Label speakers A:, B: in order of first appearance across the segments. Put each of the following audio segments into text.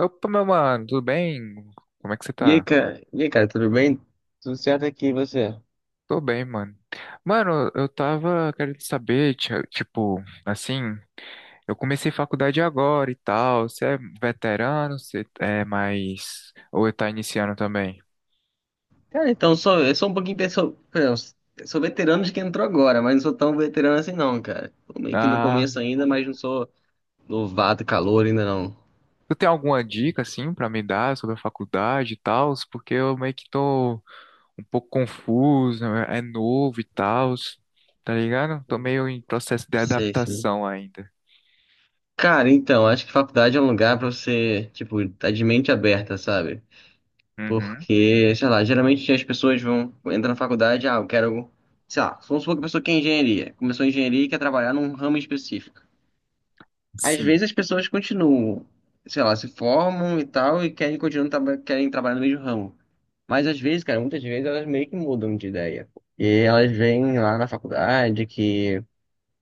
A: Opa, meu mano, tudo bem? Como é que você
B: E aí,
A: tá?
B: cara? E aí, cara, tudo bem? Tudo certo aqui, e você?
A: Tô bem, mano. Mano, eu tava querendo saber, tipo, assim, eu comecei faculdade agora e tal. Você é veterano? Você é mais. Ou tá iniciando também?
B: Cara, então, eu sou um pouquinho... Sou veterano de quem entrou agora, mas não sou tão veterano assim não, cara. Tô meio que no
A: Ah,
B: começo ainda, mas não sou novato, calor ainda não.
A: tu tem alguma dica, assim, pra me dar sobre a faculdade e tal? Porque eu meio que tô um pouco confuso, é novo e tal, tá ligado? Tô meio em processo de
B: Sei, sei.
A: adaptação ainda.
B: Cara, então, acho que faculdade é um lugar pra você, tipo, tá de mente aberta, sabe?
A: Uhum.
B: Porque, sei lá, geralmente as pessoas vão entrar na faculdade, ah, eu quero, sei lá, vamos supor que a pessoa quer engenharia, começou a engenharia e quer trabalhar num ramo específico. Às
A: Sim,
B: vezes as pessoas continuam, sei lá, se formam e tal, e querem continuar, querem trabalhar no mesmo ramo. Mas às vezes, cara, muitas vezes elas meio que mudam de ideia. E elas vêm lá na faculdade que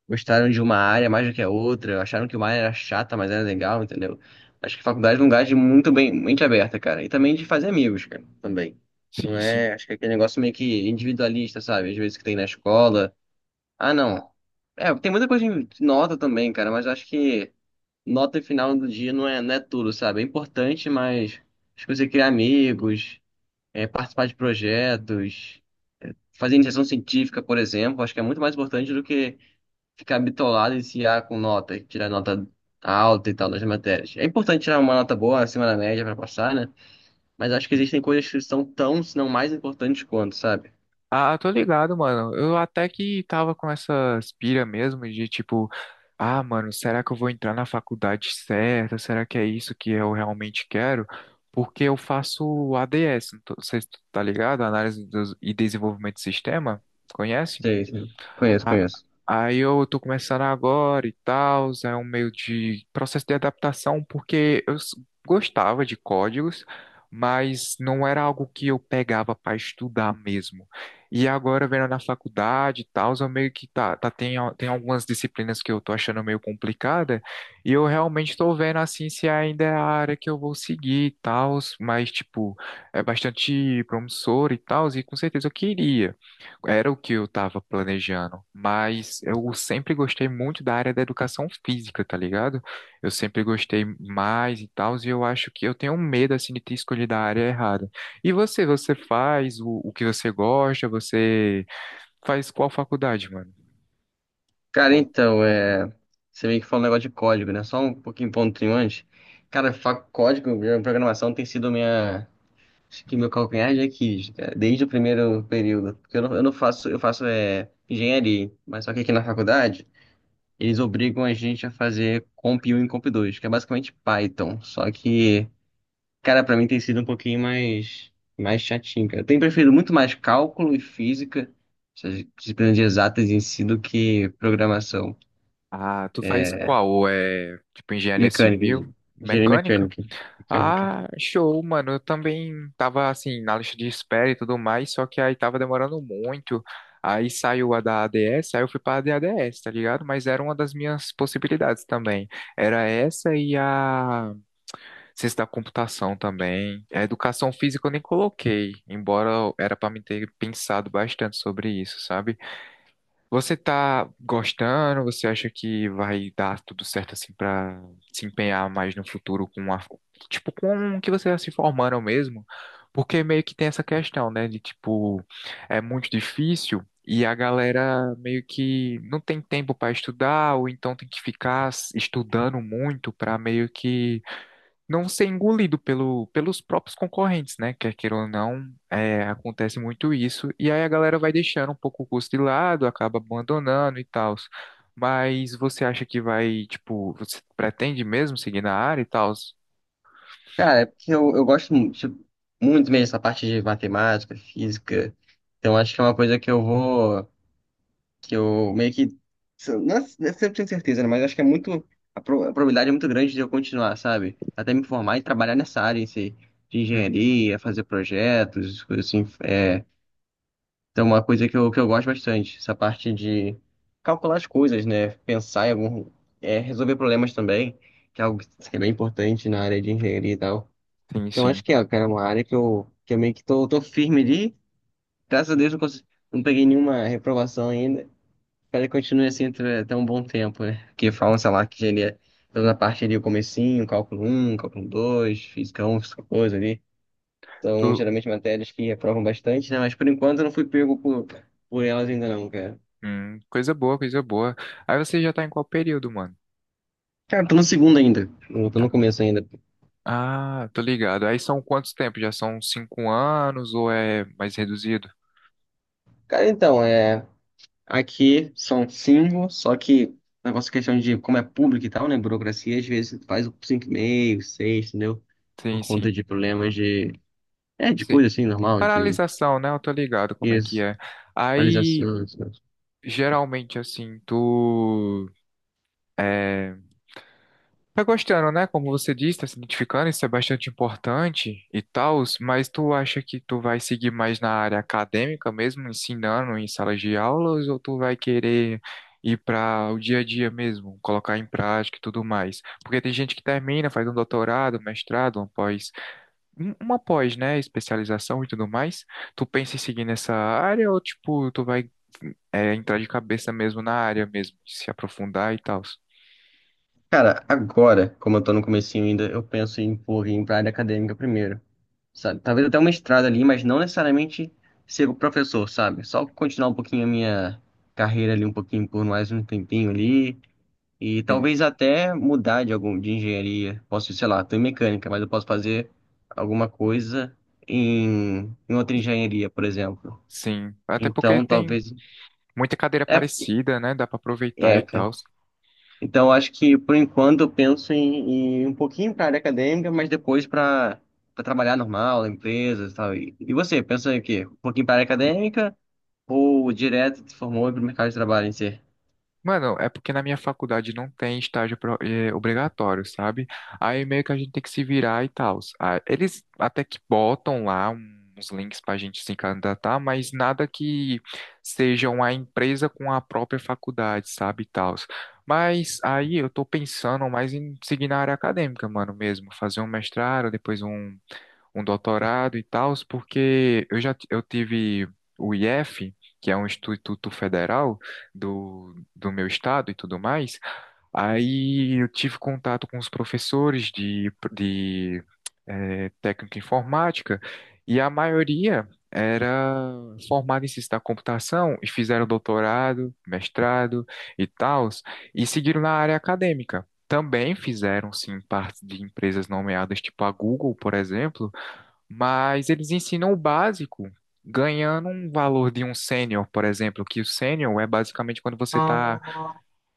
B: gostaram de uma área mais do que a outra, acharam que uma área era chata, mas era legal, entendeu? Acho que faculdade é um lugar de muito bem, mente aberta, cara. E também de fazer amigos, cara, também. Não
A: sim, sim.
B: é, acho que é aquele negócio meio que individualista, sabe? Às vezes que tem na escola. Ah, não. É, tem muita coisa de nota também, cara, mas acho que nota final do dia não é tudo, sabe? É importante, mas acho que você criar amigos, participar de projetos, fazer iniciação científica, por exemplo, acho que é muito mais importante do que ficar bitolado e se ah, com nota, tirar nota alta e tal das matérias. É importante tirar uma nota boa acima da média para passar, né? Mas acho que existem coisas que são tão, se não mais importantes quanto, sabe?
A: Ah, tô ligado, mano. Eu até que tava com essa aspira mesmo de tipo, ah, mano, será que eu vou entrar na faculdade certa? Será que é isso que eu realmente quero? Porque eu faço ADS, não tô- você tá ligado? E Desenvolvimento de Sistema, conhece?
B: Sei, sei. Conheço,
A: A-
B: conheço.
A: Aí eu tô começando agora e tal, é um meio de processo de adaptação, porque gostava de códigos, mas não era algo que eu pegava para estudar mesmo. E agora, vendo na faculdade e tal, eu meio que tem algumas disciplinas que eu tô achando meio complicada, e eu realmente tô vendo assim se ainda é a área que eu vou seguir e tal, mas tipo, é bastante promissor e tal, e com certeza eu queria. Era o que eu estava planejando, mas eu sempre gostei muito da área da educação física, tá ligado? Eu sempre gostei mais e tal, e eu acho que eu tenho um medo assim de ter escolhido a área errada. E você, você faz o que você gosta? Você faz qual faculdade, mano?
B: Cara,
A: Qual-
B: então, é... você meio que falou um negócio de código, né? Só um pouquinho pontinho antes. Cara, código, minha programação tem sido minha. Acho que meu calcanhar de Aquiles, cara, desde o primeiro período. Porque eu não faço, eu faço é, engenharia, mas só que aqui na faculdade, eles obrigam a gente a fazer Comp 1 e Comp 2, que é basicamente Python. Só que, cara, pra mim tem sido um pouquinho mais, mais chatinho, cara. Eu tenho preferido muito mais cálculo e física, essas disciplinas de exatas em si, do que programação.
A: Ah, tu faz qual? É tipo engenharia
B: Mecânica,
A: civil,
B: engenharia
A: mecânica?
B: mecânica. Mecânica.
A: Ah, show, mano. Eu também tava assim na lista de espera e tudo mais, só que aí tava demorando muito. Aí saiu a da ADS, aí eu fui pra ADS, tá ligado? Mas era uma das minhas possibilidades também. Era essa e a ciência da computação também. A educação física eu nem coloquei, embora era pra mim ter pensado bastante sobre isso, sabe? Você tá gostando? Você acha que vai dar tudo certo assim pra se empenhar mais no futuro com a, tipo, com o que você tá se formando mesmo? Porque meio que tem essa questão, né, de tipo, é muito difícil e a galera meio que não tem tempo pra estudar ou então tem que ficar estudando muito pra meio que não ser engolido pelo, pelos próprios concorrentes, né? Quer queira ou não, é, acontece muito isso. E aí a galera vai deixando um pouco o custo de lado, acaba abandonando e tal. Mas você acha que vai, tipo, você pretende mesmo seguir na área e tal?
B: Cara, é porque eu tipo, muito mesmo dessa parte de matemática, física. Então acho que é uma coisa que eu vou. Que eu meio que. Se eu- Não é 100% certeza, né? Mas acho que é muito. A probabilidade é muito grande de eu continuar, sabe? Até me formar e trabalhar nessa área em si, de engenharia, fazer projetos, coisas assim. Então, uma coisa que eu gosto bastante, essa parte de calcular as coisas, né? Pensar em algum. Resolver problemas também, que é algo que é bem importante na área de engenharia e tal.
A: Sim,
B: Então, acho
A: sim.
B: que é, cara, é uma área que eu meio que tô firme ali. Graças a Deus, não, consegui, não peguei nenhuma reprovação ainda. Espero que continue assim até um bom tempo, né? Porque falam, sei lá, que engenharia, toda a parte ali, o comecinho, cálculo um, cálculo 2, física um, física 2 ali. São
A: Tu.
B: geralmente matérias que reprovam bastante, né? Mas por enquanto eu não fui pego por elas ainda não, cara.
A: Coisa boa, coisa boa. Aí você já tá em qual período, mano?
B: Cara, tô no segundo ainda. Eu tô
A: Tá.
B: no começo ainda.
A: Ah, tô ligado. Aí são quantos tempos? Já são 5 anos ou é mais reduzido?
B: Cara, então, é... Aqui são cinco, só que negócio é questão de como é público e tal, né? Burocracia, às vezes faz um cinco e meio, seis, entendeu?
A: Sim,
B: Por conta
A: sim.
B: de problemas de... É, de coisa
A: Sim.
B: assim, normal, de...
A: Paralisação, né? Eu tô ligado como é que
B: Isso.
A: é. Aí,
B: Atualização, isso.
A: geralmente, assim, tu. é, Tá gostando, né? Como você disse, tá se identificando, isso é bastante importante e tal, mas tu acha que tu vai seguir mais na área acadêmica mesmo, ensinando em salas de aulas, ou tu vai querer ir para o dia a dia mesmo, colocar em prática e tudo mais? Porque tem gente que termina, faz um doutorado, um mestrado, uma pós, uma pós, né? Especialização e tudo mais. Tu pensa em seguir nessa área ou, tipo, tu vai, entrar de cabeça mesmo na área mesmo, se aprofundar e tal?
B: Cara, agora, como eu tô no comecinho ainda, eu penso em, pô, ir pra área acadêmica primeiro. Sabe? Talvez até um mestrado ali, mas não necessariamente ser professor, sabe? Só continuar um pouquinho a minha carreira ali, um pouquinho por mais um tempinho ali. E
A: Sim,
B: talvez até mudar de algum de engenharia. Posso, sei lá, estou em mecânica, mas eu posso fazer alguma coisa em, em outra engenharia, por exemplo.
A: sim. Até porque
B: Então,
A: tem
B: talvez.
A: muita cadeira
B: É,
A: parecida, né? Dá pra aproveitar e
B: é,
A: tal.
B: Então, acho que por enquanto eu penso em, em um pouquinho para a área acadêmica, mas depois para trabalhar normal, na empresa, e tal. E você, pensa em quê? Um pouquinho para a área acadêmica ou direto se formou para o mercado de trabalho em si?
A: Mano, é porque na minha faculdade não tem estágio obrigatório, sabe? Aí meio que a gente tem que se virar e tal. Eles até que botam lá uns links pra gente se candidatar, mas nada que seja uma empresa com a própria faculdade, sabe? E tal. Mas aí eu tô pensando mais em seguir na área acadêmica, mano, mesmo. Fazer um mestrado, depois um. Um doutorado e tal, porque eu tive o IF, que é um instituto federal do meu estado e tudo mais. Aí eu tive contato com os professores de técnica informática e a maioria era formada em ciência da computação e fizeram doutorado, mestrado e tal, e seguiram na área acadêmica. Também fizeram, sim, parte de empresas nomeadas, tipo a Google, por exemplo, mas eles ensinam o básico, ganhando um valor de um sênior, por exemplo, que o sênior é basicamente quando você está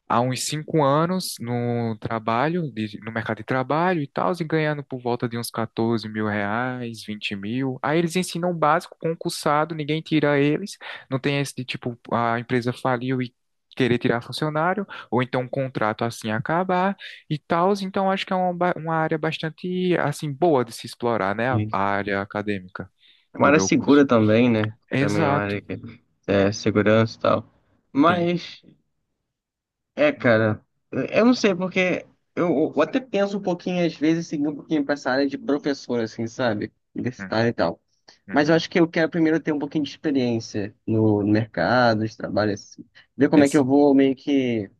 A: há uns 5 anos no trabalho, no mercado de trabalho e tal, e ganhando por volta de uns 14 mil reais, vinte mil. Aí eles ensinam o básico, concursado, ninguém tira eles. Não tem esse de tipo, a empresa faliu e querer tirar funcionário, ou então um contrato assim acabar e tal. Então acho que é uma área bastante assim boa de se explorar, né? A
B: Isso.
A: área acadêmica
B: É uma
A: do
B: área
A: meu curso.
B: segura também, né? Também é uma
A: Exato.
B: área que é segurança e tal.
A: Tem.
B: Mas é, cara, eu não sei, porque eu até penso um pouquinho, às vezes, seguir um pouquinho pra essa área de professor, assim, sabe?
A: Uhum.
B: Universitário e tal. Mas eu
A: Uhum.
B: acho que eu quero primeiro ter um pouquinho de experiência no, no mercado, de trabalho, assim. Ver como é que
A: Ex-
B: eu vou meio que.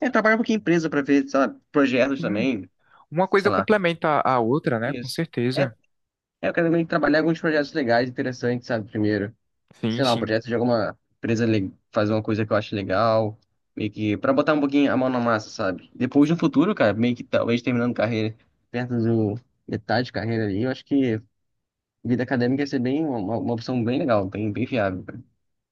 B: É, trabalhar um pouquinho em empresa pra ver, sei lá, projetos
A: Sim.
B: também,
A: Uma coisa
B: sei lá.
A: complementa a outra, né? Com
B: Isso. É,
A: certeza.
B: eu quero meio que trabalhar alguns projetos legais, interessantes, sabe, primeiro
A: Sim,
B: sei lá, um
A: sim,
B: projeto de alguma empresa fazer uma coisa que eu acho legal, meio que pra botar um pouquinho a mão na massa, sabe? Depois no futuro, cara, meio que talvez terminando carreira perto do metade de carreira ali, eu acho que vida acadêmica ia ser bem uma opção bem legal, bem, bem viável cara,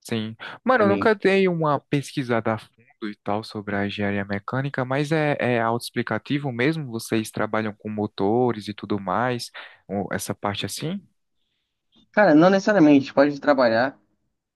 A: sim. Mano,
B: pra
A: eu
B: mim.
A: nunca dei uma pesquisada a fundo e tal sobre a engenharia mecânica, mas é, é autoexplicativo mesmo? Vocês trabalham com motores e tudo mais? Ou essa parte assim?
B: Cara, não necessariamente pode trabalhar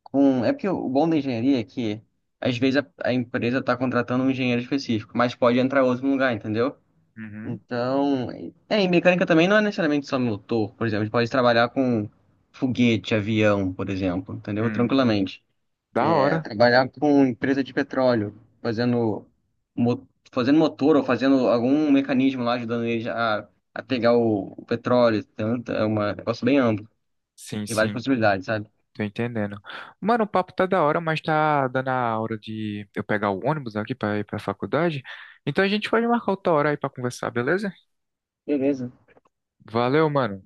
B: com, é porque o bom da engenharia é que às vezes a empresa tá contratando um engenheiro específico, mas pode entrar outro no lugar, entendeu?
A: Uhum.
B: Então, é, e mecânica também não é necessariamente só motor, por exemplo, a gente pode trabalhar com foguete, avião, por exemplo, entendeu?
A: Hum.
B: Tranquilamente.
A: Da
B: É,
A: hora.
B: trabalhar com empresa de petróleo, fazendo, mo- fazendo motor ou fazendo algum mecanismo lá ajudando eles a pegar o petróleo, tanto, é é um negócio bem amplo,
A: Sim,
B: tem várias
A: sim.
B: possibilidades, sabe?
A: Tô entendendo. Mano, o papo tá da hora, mas tá dando a hora de eu pegar o ônibus aqui pra ir pra faculdade. Então a gente pode marcar outra hora aí pra conversar, beleza?
B: Beleza.
A: Valeu, mano.